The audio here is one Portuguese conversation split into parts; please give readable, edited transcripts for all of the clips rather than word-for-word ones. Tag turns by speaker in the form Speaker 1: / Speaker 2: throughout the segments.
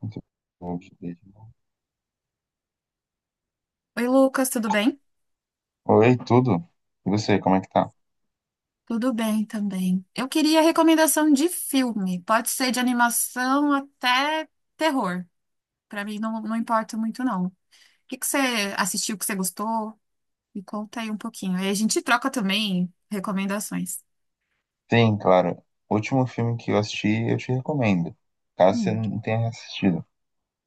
Speaker 1: Muito bom, Juliette.
Speaker 2: Oi, Lucas, tudo bem?
Speaker 1: Oi, tudo? E você, como é que tá?
Speaker 2: Tudo bem também. Eu queria recomendação de filme. Pode ser de animação até terror. Pra mim não, não importa muito, não. O que que você assistiu que você gostou? Me conta aí um pouquinho. Aí a gente troca também recomendações.
Speaker 1: Sim, claro. O último filme que eu assisti, eu te recomendo. Caso você
Speaker 2: Hum,
Speaker 1: não tenha assistido.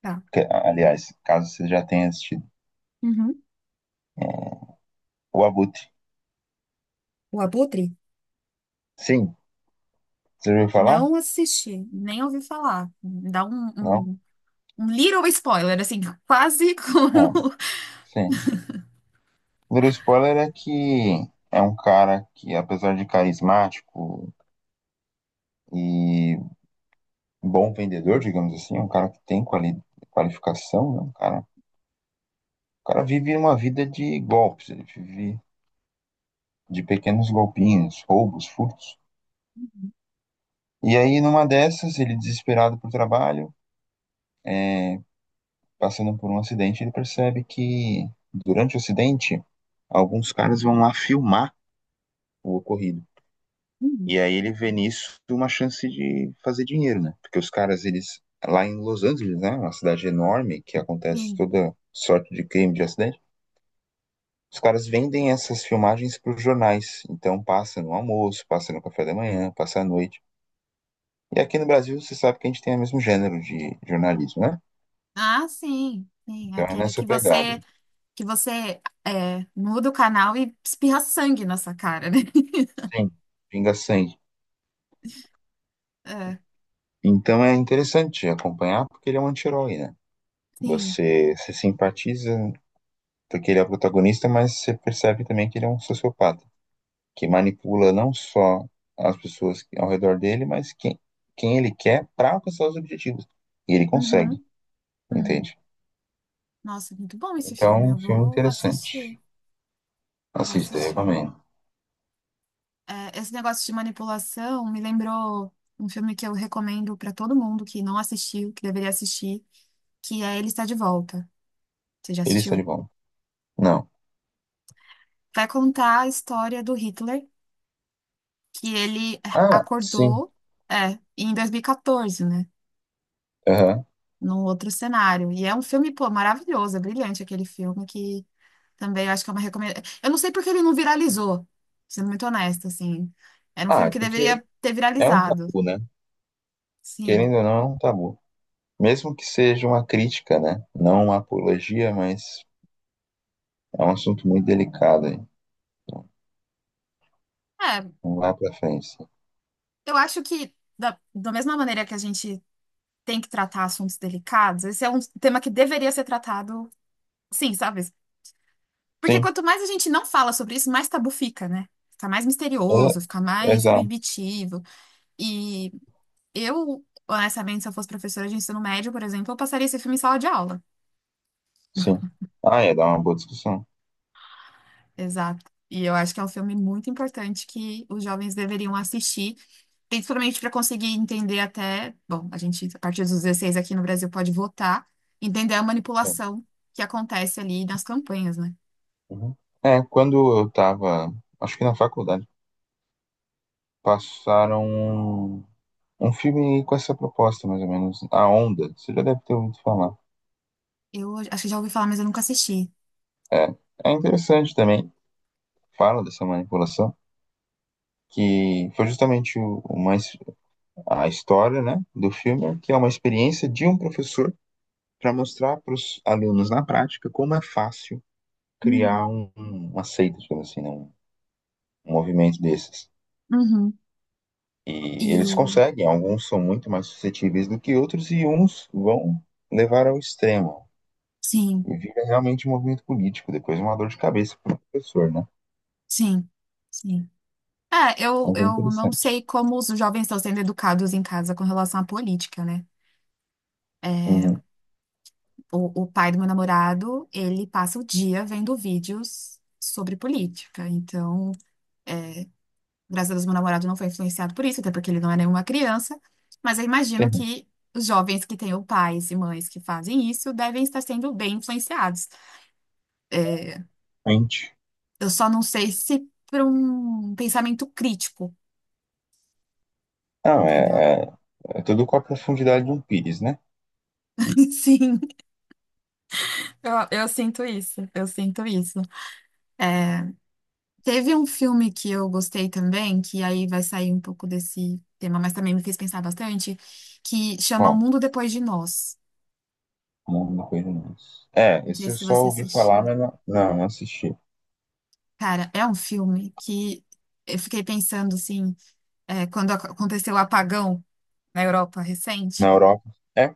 Speaker 2: tá.
Speaker 1: Aliás, caso você já tenha assistido.
Speaker 2: Uhum.
Speaker 1: O Abutre.
Speaker 2: O Abutre?
Speaker 1: Sim. Você ouviu falar?
Speaker 2: Não assisti, nem ouvi falar. Dá um,
Speaker 1: Não?
Speaker 2: um, um little spoiler, assim, quase
Speaker 1: Bom,
Speaker 2: como.
Speaker 1: sim. O primeiro spoiler é que é um cara que, apesar de carismático e bom vendedor, digamos assim, é um cara que tem qualificação, né? Um cara, o cara vive uma vida de golpes. Ele vive de pequenos golpinhos, roubos, furtos. E aí, numa dessas, ele desesperado por trabalho, passando por um acidente, ele percebe que durante o acidente, alguns caras vão lá filmar o ocorrido.
Speaker 2: Hum.
Speaker 1: E aí ele vê nisso uma chance de fazer dinheiro, né? Porque os caras, eles lá em Los Angeles, né, uma cidade enorme que acontece
Speaker 2: Sim.
Speaker 1: toda sorte de crime, de acidente, os caras vendem essas filmagens para os jornais. Então passa no almoço, passa no café da manhã, passa à noite. E aqui no Brasil, você sabe que a gente tem o mesmo gênero de jornalismo, né?
Speaker 2: Ah, sim. Sim,
Speaker 1: Então é
Speaker 2: aquele
Speaker 1: nessa pegada.
Speaker 2: que você muda o canal e espirra sangue na sua cara, né?
Speaker 1: Sim. Pinga sangue.
Speaker 2: É,
Speaker 1: Então é interessante acompanhar porque ele é um anti-herói, né?
Speaker 2: sim.
Speaker 1: Você se simpatiza porque ele é o protagonista, mas você percebe também que ele é um sociopata, que manipula não só as pessoas ao redor dele, mas quem ele quer para alcançar os objetivos. E ele consegue,
Speaker 2: Uhum, uhum.
Speaker 1: entende?
Speaker 2: Nossa, muito bom esse
Speaker 1: Então, é
Speaker 2: filme.
Speaker 1: um
Speaker 2: Eu
Speaker 1: filme
Speaker 2: vou assistir.
Speaker 1: interessante.
Speaker 2: Vou
Speaker 1: Assista,
Speaker 2: assistir.
Speaker 1: recomendo.
Speaker 2: É, esse negócio de manipulação me lembrou um filme que eu recomendo pra todo mundo que não assistiu, que deveria assistir, que é Ele Está de Volta. Você já
Speaker 1: Ele está de
Speaker 2: assistiu?
Speaker 1: bom. Não.
Speaker 2: Vai contar a história do Hitler, que ele
Speaker 1: Ah, sim.
Speaker 2: acordou, em 2014, né?
Speaker 1: Aham.
Speaker 2: Num outro cenário. E é um filme, pô, maravilhoso, é brilhante aquele filme que também eu acho que é uma recomendação. Eu não sei porque ele não viralizou, sendo muito honesta, assim. Era um
Speaker 1: Ah,
Speaker 2: filme
Speaker 1: é
Speaker 2: que
Speaker 1: porque
Speaker 2: deveria ter
Speaker 1: é um
Speaker 2: viralizado,
Speaker 1: tabu, né?
Speaker 2: sim.
Speaker 1: Querendo ou não, é um tabu. Mesmo que seja uma crítica, né? Não uma apologia, mas é um assunto muito delicado, aí
Speaker 2: É,
Speaker 1: não vai pra frente. Sim.
Speaker 2: eu acho que da mesma maneira que a gente tem que tratar assuntos delicados, esse é um tema que deveria ser tratado, sim, sabe? Porque quanto mais a gente não fala sobre isso, mais tabu fica, né? Fica mais
Speaker 1: É,
Speaker 2: misterioso, fica mais
Speaker 1: exato,
Speaker 2: proibitivo. E eu, honestamente, se eu fosse professora de ensino médio, por exemplo, eu passaria esse filme em sala de aula.
Speaker 1: sim. Ah, ia dar uma boa discussão.
Speaker 2: Exato. E eu acho que é um filme muito importante que os jovens deveriam assistir, principalmente para conseguir entender até, bom, a gente, a partir dos 16 aqui no Brasil, pode votar, entender a
Speaker 1: É,
Speaker 2: manipulação que acontece ali nas campanhas, né?
Speaker 1: uhum. É, quando eu tava, acho que na faculdade, passaram um filme com essa proposta, mais ou menos. A Onda, você já deve ter ouvido falar.
Speaker 2: Eu acho que já ouvi falar, mas eu nunca assisti.
Speaker 1: É, é interessante também, fala dessa manipulação, que foi justamente o mais a história, né, do filme, que é uma experiência de um professor para mostrar para os alunos na prática como é fácil
Speaker 2: Uhum.
Speaker 1: criar uma seita, digamos assim, né, um movimento desses.
Speaker 2: Uhum.
Speaker 1: E eles
Speaker 2: E
Speaker 1: conseguem, alguns são muito mais suscetíveis do que outros e uns vão levar ao extremo.
Speaker 2: sim,
Speaker 1: E vira realmente um movimento político, depois uma dor de cabeça para o professor, né?
Speaker 2: sim, sim. É, eu,
Speaker 1: Mas é
Speaker 2: eu não
Speaker 1: interessante.
Speaker 2: sei como os jovens estão sendo educados em casa com relação à política, né? É,
Speaker 1: Uhum.
Speaker 2: o pai do meu namorado, ele passa o dia vendo vídeos sobre política. Então, graças a Deus, meu namorado não foi influenciado por isso, até porque ele não é nenhuma criança. Mas eu imagino que os jovens que têm o pais e mães que fazem isso devem estar sendo bem influenciados. É,
Speaker 1: Realmente.
Speaker 2: eu só não sei se para um pensamento crítico,
Speaker 1: Não,
Speaker 2: entendeu?
Speaker 1: é é tudo com a profundidade de um pires, né?
Speaker 2: Sim, eu, eu sinto isso, eu sinto isso. Teve um filme que eu gostei também, que aí vai sair um pouco desse tema, mas também me fez pensar bastante, que chama O
Speaker 1: Ó,
Speaker 2: Mundo Depois de Nós.
Speaker 1: mundo não conheço. É,
Speaker 2: Não sei
Speaker 1: esse eu
Speaker 2: se
Speaker 1: só
Speaker 2: você
Speaker 1: ouvi falar,
Speaker 2: assistiu.
Speaker 1: mas não, não, não assisti.
Speaker 2: Cara, é um filme que eu fiquei pensando, assim, quando aconteceu o apagão na Europa
Speaker 1: Na
Speaker 2: recente,
Speaker 1: Europa. É?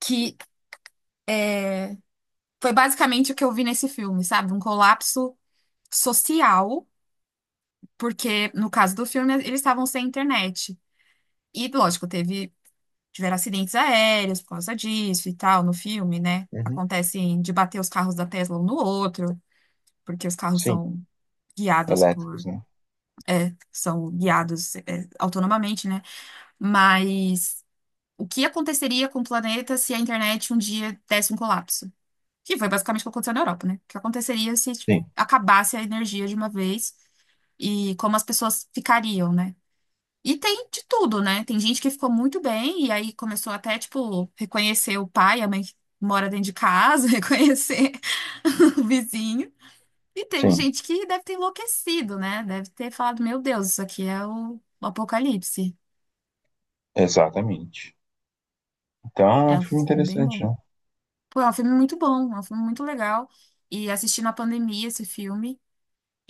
Speaker 2: que é, foi basicamente o que eu vi nesse filme, sabe? Um colapso social, porque no caso do filme eles estavam sem internet. E, lógico, teve tiveram acidentes aéreos por causa disso e tal, no filme, né?
Speaker 1: Uhum.
Speaker 2: Acontecem de bater os carros da Tesla um no outro, porque os carros
Speaker 1: Sim,
Speaker 2: são guiados por,
Speaker 1: elétricos, né?
Speaker 2: são guiados, autonomamente, né? Mas o que aconteceria com o planeta se a internet um dia desse um colapso? Que foi basicamente o que aconteceu na Europa, né? O que aconteceria se, tipo,
Speaker 1: Sim,
Speaker 2: acabasse a energia de uma vez e como as pessoas ficariam, né? E tem de tudo, né? Tem gente que ficou muito bem e aí começou até, tipo, reconhecer o pai, a mãe que mora dentro de casa, reconhecer o vizinho. E teve
Speaker 1: sim,
Speaker 2: gente que deve ter enlouquecido, né? Deve ter falado, meu Deus, isso aqui é o Apocalipse.
Speaker 1: exatamente. Então é
Speaker 2: É
Speaker 1: um
Speaker 2: um
Speaker 1: filme
Speaker 2: filme bem
Speaker 1: interessante,
Speaker 2: bom.
Speaker 1: né?
Speaker 2: Pô, é um filme muito bom, é um filme muito legal. E assisti na pandemia esse filme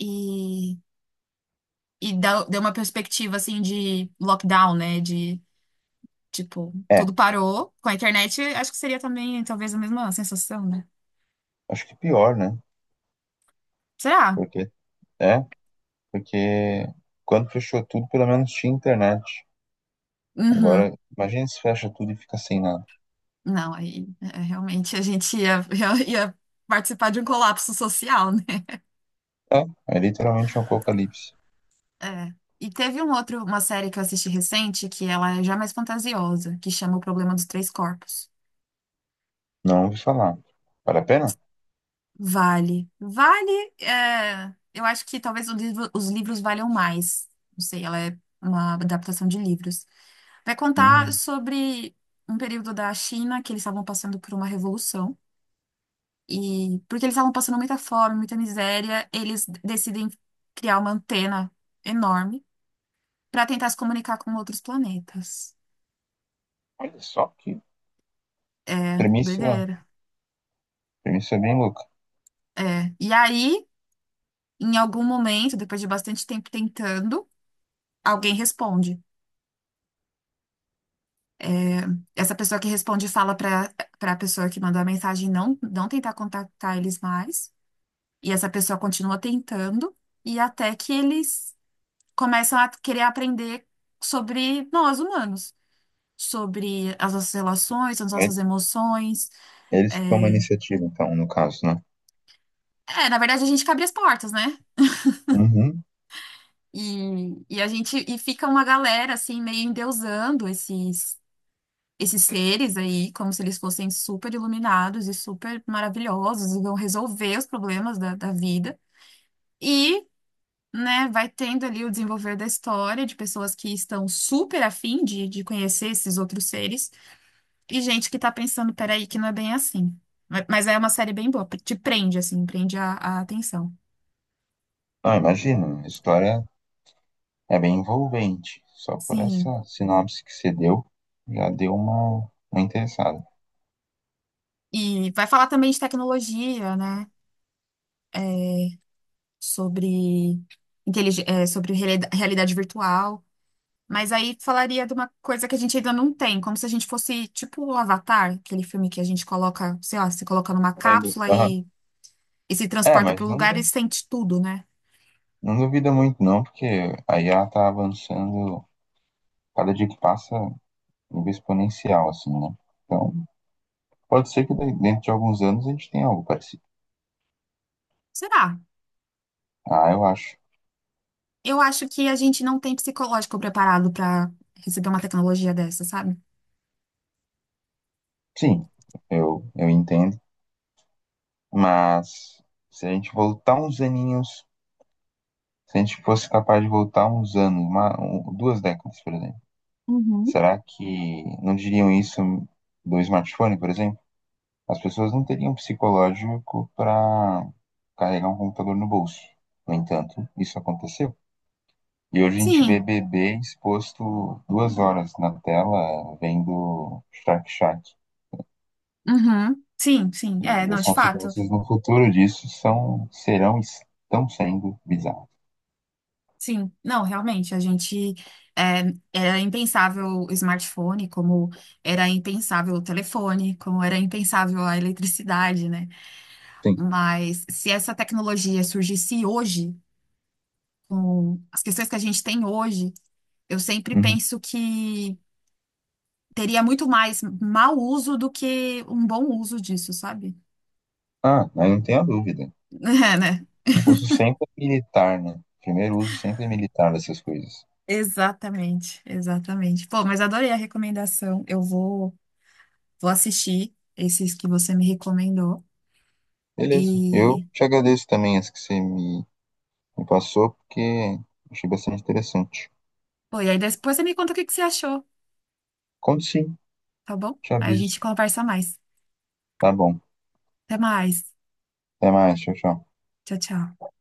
Speaker 2: e, deu uma perspectiva, assim, de lockdown, né? De tipo,
Speaker 1: É,
Speaker 2: tudo parou. Com a internet, acho que seria também talvez a mesma sensação, né?
Speaker 1: acho que pior, né?
Speaker 2: Será?
Speaker 1: Porque, é, porque quando fechou tudo, pelo menos tinha internet.
Speaker 2: Uhum.
Speaker 1: Agora, imagina se fecha tudo e fica sem nada.
Speaker 2: Não, aí é, realmente a gente ia, ia, participar de um colapso social, né?
Speaker 1: É, é literalmente um apocalipse.
Speaker 2: É. E teve um outro, uma série que eu assisti recente, que ela é já mais fantasiosa, que chama O Problema dos Três Corpos.
Speaker 1: Não ouvi falar. Vale a pena?
Speaker 2: Vale. Vale, é, eu acho que talvez os livros valham mais. Não sei, ela é uma adaptação de livros. Vai contar
Speaker 1: Hum,
Speaker 2: sobre um período da China que eles estavam passando por uma revolução. E porque eles estavam passando muita fome, muita miséria, eles decidem criar uma antena enorme para tentar se comunicar com outros planetas.
Speaker 1: olha só que
Speaker 2: É,
Speaker 1: premissa,
Speaker 2: doideira.
Speaker 1: premissa bem louca.
Speaker 2: É. E aí, em algum momento, depois de bastante tempo tentando, alguém responde. É, essa pessoa que responde fala para a pessoa que mandou a mensagem não, não tentar contactar eles mais. E essa pessoa continua tentando, e até que eles começam a querer aprender sobre nós humanos, sobre as nossas relações, as nossas emoções.
Speaker 1: Eles que tomam a
Speaker 2: É,
Speaker 1: iniciativa, então, no caso, né?
Speaker 2: na verdade, a gente que abre as portas, né?
Speaker 1: Uhum.
Speaker 2: E a gente e fica uma galera assim, meio endeusando esses seres aí, como se eles fossem super iluminados e super maravilhosos e vão resolver os problemas da vida. E, né, vai tendo ali o desenvolver da história de pessoas que estão super afim de conhecer esses outros seres e gente que tá pensando, peraí, que não é bem assim. Mas é uma série bem boa, te prende, assim, prende a atenção.
Speaker 1: Ah, imagina, a história é bem envolvente. Só por
Speaker 2: Sim.
Speaker 1: essa sinopse que você deu, já deu uma interessada.
Speaker 2: E vai falar também de tecnologia, né? Sobre, sobre realidade virtual. Mas aí falaria de uma coisa que a gente ainda não tem, como se a gente fosse tipo o Avatar, aquele filme que a gente coloca, sei lá, se coloca numa
Speaker 1: Lembro.
Speaker 2: cápsula
Speaker 1: Aham.
Speaker 2: e se
Speaker 1: É,
Speaker 2: transporta para
Speaker 1: mas
Speaker 2: o
Speaker 1: não,
Speaker 2: lugar e sente tudo, né?
Speaker 1: não duvida muito, não, porque aí ela tá avançando, cada dia que passa, nível exponencial, assim, né? Então, pode ser que dentro de alguns anos a gente tenha algo parecido.
Speaker 2: Será?
Speaker 1: Ah, eu acho.
Speaker 2: Eu acho que a gente não tem psicológico preparado para receber uma tecnologia dessa, sabe?
Speaker 1: Sim, eu entendo. Mas se a gente voltar uns aninhos. Se a gente fosse capaz de voltar uns anos, duas décadas, por exemplo,
Speaker 2: Uhum.
Speaker 1: será que não diriam isso do smartphone, por exemplo? As pessoas não teriam psicológico para carregar um computador no bolso. No entanto, isso aconteceu. E hoje a gente vê
Speaker 2: Sim,
Speaker 1: bebê exposto 2 horas na tela vendo Shark Shark.
Speaker 2: uhum, sim, sim, é,
Speaker 1: E
Speaker 2: não,
Speaker 1: as
Speaker 2: de fato,
Speaker 1: consequências no futuro disso são, serão e estão sendo bizarras.
Speaker 2: sim, não, realmente, a gente, é, era impensável o smartphone, como era impensável o telefone, como era impensável a eletricidade, né?
Speaker 1: Sim.
Speaker 2: Mas se essa tecnologia surgisse hoje, com as questões que a gente tem hoje, eu sempre
Speaker 1: Uhum.
Speaker 2: penso que teria muito mais mau uso do que um bom uso disso, sabe?
Speaker 1: Ah, aí não tenho a dúvida.
Speaker 2: É, né?
Speaker 1: O uso sempre é militar, né? Primeiro uso sempre é militar dessas coisas.
Speaker 2: Exatamente, exatamente. Pô, mas adorei a recomendação. Eu vou assistir esses que você me recomendou.
Speaker 1: Beleza. Eu
Speaker 2: E,
Speaker 1: te agradeço também as que você me, passou, porque achei bastante interessante.
Speaker 2: pô, e aí depois você me conta o que que você achou,
Speaker 1: Conto sim,
Speaker 2: tá bom?
Speaker 1: te
Speaker 2: Aí a gente
Speaker 1: aviso.
Speaker 2: conversa mais.
Speaker 1: Tá bom.
Speaker 2: Até mais.
Speaker 1: Até mais. Tchau, tchau.
Speaker 2: Tchau, tchau.